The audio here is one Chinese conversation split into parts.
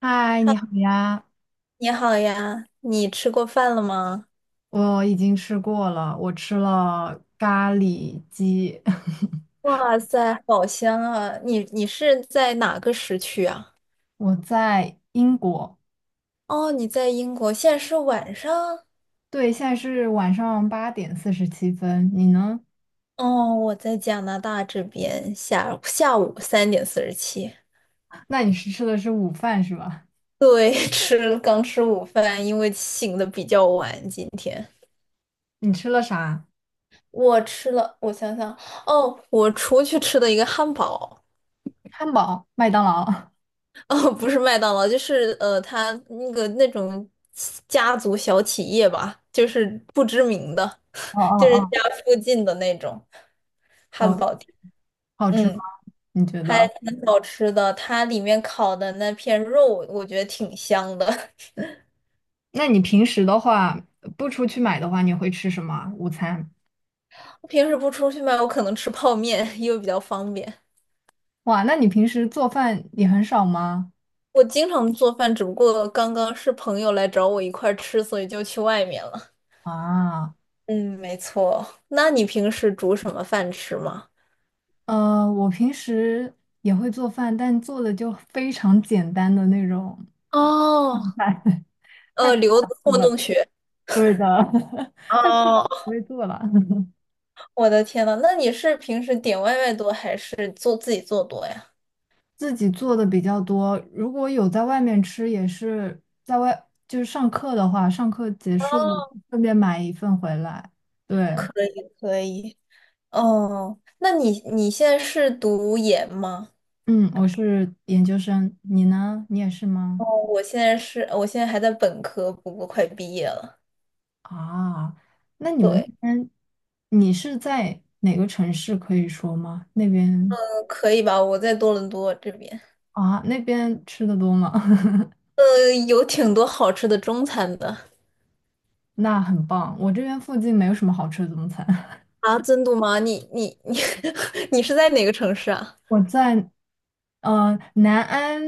嗨，你好呀！你好呀，你吃过饭了吗？我已经吃过了，我吃了咖喱鸡。哇塞，好香啊！你是在哪个时区啊？我在英国，哦，你在英国，现在是晚上。对，现在是晚上8点47分。你呢？哦，我在加拿大这边下午3:47。那你是吃的是午饭是吧？对，刚吃午饭，因为醒的比较晚。今天你吃了啥？我吃了，我想想，哦，我出去吃的一个汉堡。汉堡、麦当劳。哦，不是麦当劳，就是他那个那种家族小企业吧，就是不知名的，哦就是哦家附近的那种哦汉哦，堡店，好吃吗？嗯，你觉还得？挺好吃的。它里面烤的那片肉，我觉得挺香的。那你平时的话，不出去买的话，你会吃什么啊午餐？我平时不出去买，我可能吃泡面，因为比较方便。哇，那你平时做饭也很少吗？我经常做饭，只不过刚刚是朋友来找我一块儿吃，所以就去外面了。啊。嗯，没错。那你平时煮什么饭吃吗？我平时也会做饭，但做的就非常简单的那种哦，饭，太复留杂子不糊了。弄学。对的，太复杂哦，不会做了。我的天呐，那你是平时点外卖多还是自己做多呀？自己做的比较多，如果有在外面吃，也是在外，就是上课的话，上课结哦，束顺便买一份回来。对，可以可以。哦，那你现在是读研吗？嗯，我是研究生，你呢？你也是哦，吗？我现在还在本科，不过快毕业了。啊，那你们那对，边，你是在哪个城市可以说吗？那边？可以吧？我在多伦多这边，啊，那边吃的多吗？有挺多好吃的中餐的。那很棒，我这边附近没有什么好吃的中餐。啊，真的吗？你你你 你是在哪个城市啊？我在南安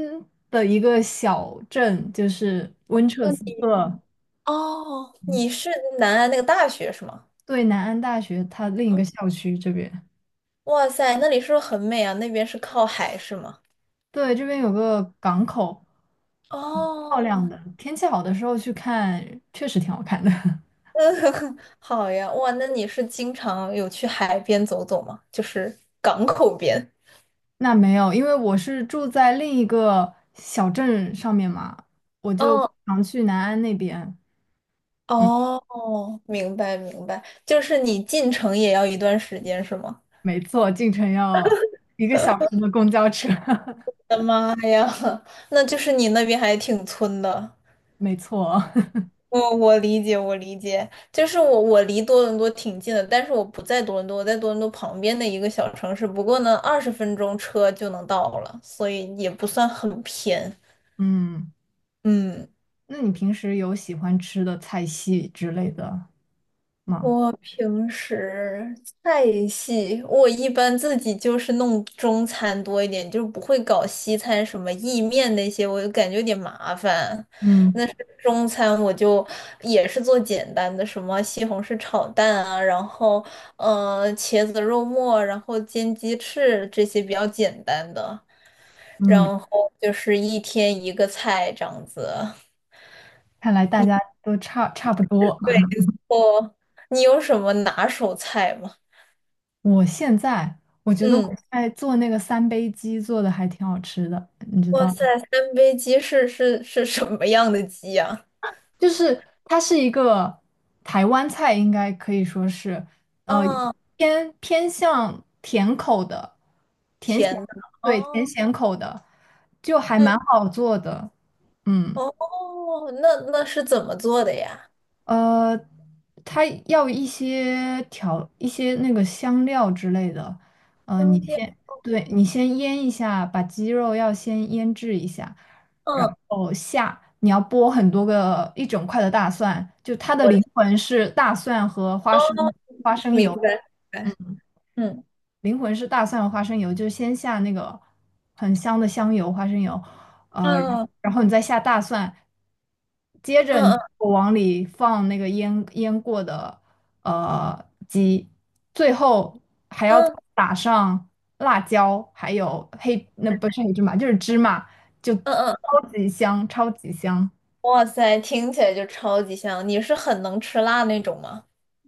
的一个小镇，就是温彻斯特，哦，嗯你是南安那个大学是吗？对，南安大学它另一个校区这边。哇塞，那里是不是很美啊？那边是靠海是吗？对，这边有个港口，漂亮哦，的，天气好的时候去看，确实挺好看的。好呀，哇，那你是经常有去海边走走吗？就是港口边。那没有，因为我是住在另一个小镇上面嘛，我就哦常去南安那边。哦，明白明白，就是你进城也要一段时间是吗？没错，进城要1个小时的公交车，我的妈呀，那就是你那边还挺村的。没错。我理解，我理解，就是我离多伦多挺近的，但是我不在多伦多，我在多伦多旁边的一个小城市，不过呢，20分钟车就能到了，所以也不算很偏。嗯，嗯，那你平时有喜欢吃的菜系之类的吗？我平时菜系，我一般自己就是弄中餐多一点，就不会搞西餐什么意面那些，我就感觉有点麻烦。嗯那是中餐，我就也是做简单的，什么西红柿炒蛋啊，然后茄子肉末，然后煎鸡翅这些比较简单的，嗯，然后就是一天一个菜这样子。看来大家都差不多。对，哦，你有什么拿手菜吗？我现在我觉得我嗯。在做那个三杯鸡做的还挺好吃的，你知哇道？塞，三杯鸡是什么样的鸡呀？就是它是一个台湾菜，应该可以说是，呃，啊，偏向甜口的，甜咸，甜的，对，甜哦，咸口的，就还嗯，蛮好做的，嗯。哦，那是怎么做的呀？呃，它要一些调一些那个香料之类的，你灯料，先，对，你先腌一下，把鸡肉要先腌制一下，然嗯，后下你要剥很多个一整块的大蒜，就它的我，灵魂是大蒜和花哦，生花生明油，白，明白，嗯灵魂是大蒜和花生油，就是先下那个很香的香油、花生油，然嗯然后你再下大蒜，接着嗯你嗯往里放那个腌过的呃鸡，最后还要再嗯打上辣椒，还有黑，那不是黑芝麻，就是芝麻，就嗯嗯，超级香，超级香。哇塞，听起来就超级香。你是很能吃辣那种吗？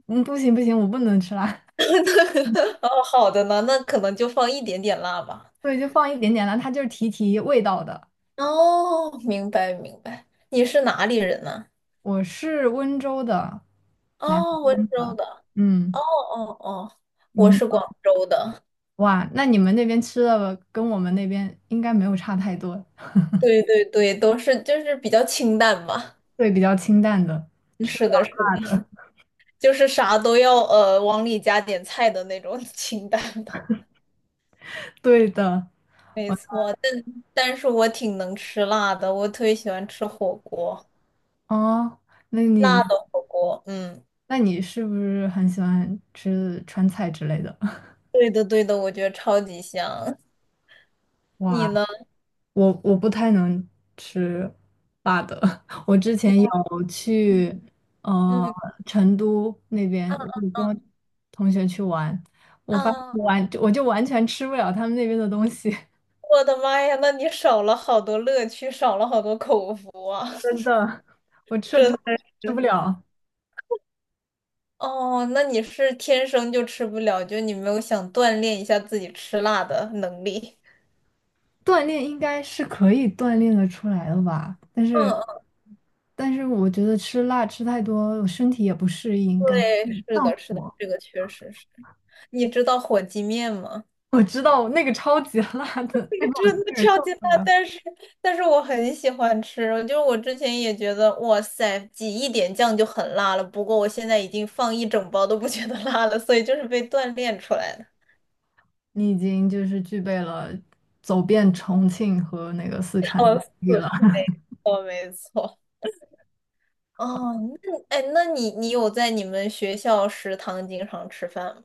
嗯，不行不行，我不能吃辣，哦，好的呢，那可能就放一点点辣吧。所以就放一点点辣，它就是提提味道的。哦，明白明白。你是哪里人呢？我是温州的，南哦，温方州的。的。嗯，哦哦，我你是广州的，哇，那你们那边吃的跟我们那边应该没有差太多，对对对，都是就是比较清淡吧。对，比较清淡的。嗯，吃是的，是的，就是啥都要往里加点菜的那种 清淡的，对的。没错。但是我挺能吃辣的，我特别喜欢吃火锅，哦，那你辣的火锅。嗯，那你是不是很喜欢吃川菜之类的？对的对的，我觉得超级香。你呢？哇，我不太能吃辣的。我之前有嗯去呃嗯成都那啊边，我有啊，跟同学去玩，我啊发现啊，我就完全吃不了他们那边的东西，我的妈呀，那你少了好多乐趣，少了好多口福啊。我吃了之后吃不了。哦，那你是天生就吃不了，就你没有想锻炼一下自己吃辣的能力。锻炼应该是可以锻炼的出来的吧，但嗯是嗯，我觉得吃辣吃太多，我身体也不适应，感对，觉是上的，是的，火。这个确实是。你知道火鸡面吗？我知道那个超级 辣 的，那个真的个超受级辣，不了。但是我很喜欢吃。就是我之前也觉得，哇塞，挤一点酱就很辣了。不过我现在已经放一整包都不觉得辣了，所以就是被锻炼出来的。你已经就是具备了走遍重庆和那个四川的笑能力了。死，没 错。哦，那哎，那你有在你们学校食堂经常吃饭吗？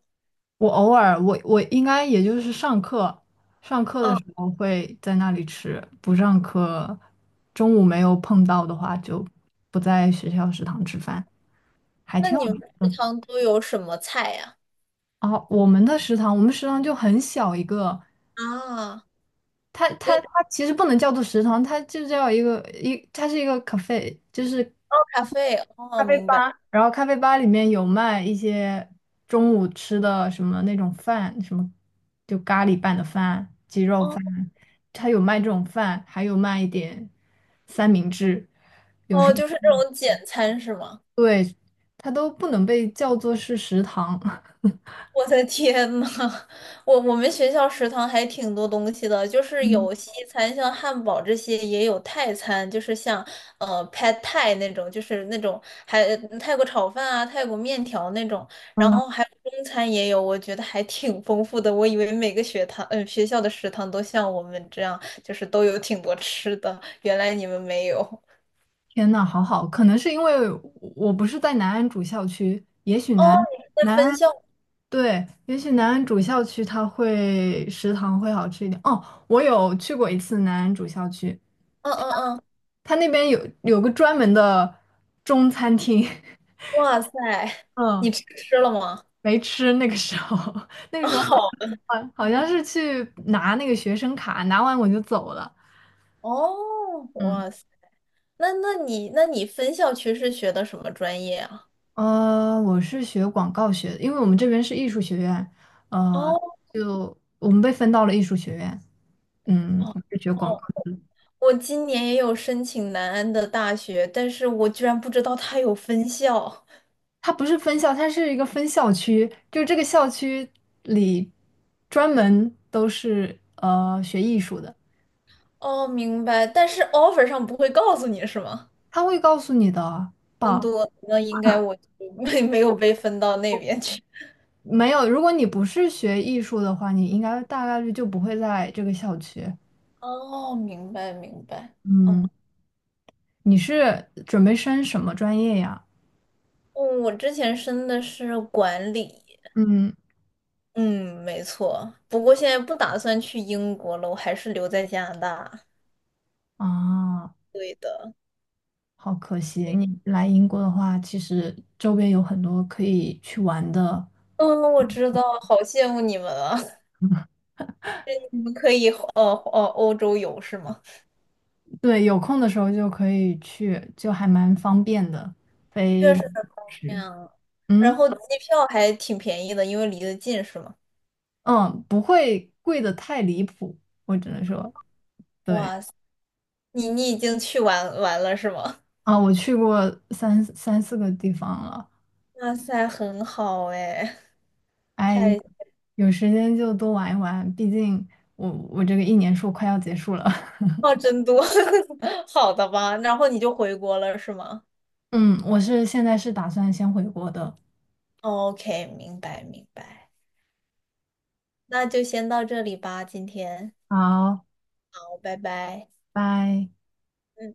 我偶尔，我应该也就是上课，上课的哦，时候会在那里吃，不上课，中午没有碰到的话就不在学校食堂吃饭，还那挺你有们意思食的。堂都有什么菜呀？哦，我们的食堂，我们食堂就很小一个，啊，它对，它哦，它其实不能叫做食堂，它就叫一个它是一个 cafe，就是咖啡，咖哦，啡明白，吧，然后咖啡吧里面有卖一些中午吃的什么那种饭，什么就咖喱拌的饭、鸡肉哦饭，它有卖这种饭，还有卖一点三明治，哦，就是这种简餐是吗？对，它都不能被叫做是食堂。我的天呐，我们学校食堂还挺多东西的，就是嗯有西餐，像汉堡这些，也有泰餐，就是像Pad Thai 那种，就是那种还泰国炒饭啊、泰国面条那种，然嗯，后还有中餐也有，我觉得还挺丰富的。我以为每个学堂，学校的食堂都像我们这样，就是都有挺多吃的，原来你们没有。天呐，好好，可能是因为我不是在南安主校区，也许哦，南你们在南分安校？对，也许南安主校区它会食堂会好吃一点。哦，我有去过一次南安主校区。嗯嗯嗯，他那边有个专门的中餐厅，哇塞，你嗯，吃了吗？没吃。那个时候，那个时候好 像是去拿那个学生卡，拿完我就走了。哦，嗯哇塞，那你分校区是学的什么专业啊？我是学广告学的，因为我们这边是艺术学院，呃，哦就我们被分到了艺术学院。嗯，哦我是学广告，哦，我今年也有申请南安的大学，但是我居然不知道它有分校。它不是分校，它是一个分校区，就这个校区里专门都是学艺术的。哦，明白，但是 offer 上不会告诉你是吗？他会告诉你的分吧？多，那应该我就 没有被分到那边去。没有，如果你不是学艺术的话，你应该大概率就不会在这个校区。哦，明白明白。嗯，嗯，你是准备升什么专业呀？嗯我之前申的是管理，嗯，嗯，没错。不过现在不打算去英国了，我还是留在加拿大。啊，对的，好可惜，你来英国的话，其实周边有很多可以去玩的。嗯，我知道，好羡慕你们啊！你们可以欧洲游是吗？对，有空的时候就可以去，就还蛮方便的，飞确实很方便是，啊，然嗯后机票还挺便宜的，因为离得近是吗？嗯，不会贵的太离谱，我只能说，对。哇塞，你已经去玩玩了是吗？啊，我去过三四个地方了，哇塞，很好哎，哎，有太 有时间就多玩一玩，毕竟我这个1年硕快要结束了。话真多，好的吧？然后你就回国了是吗嗯，我现在是打算先回国的。？OK，明白明白，那就先到这里吧，今天，好，好，拜拜。拜。嗯。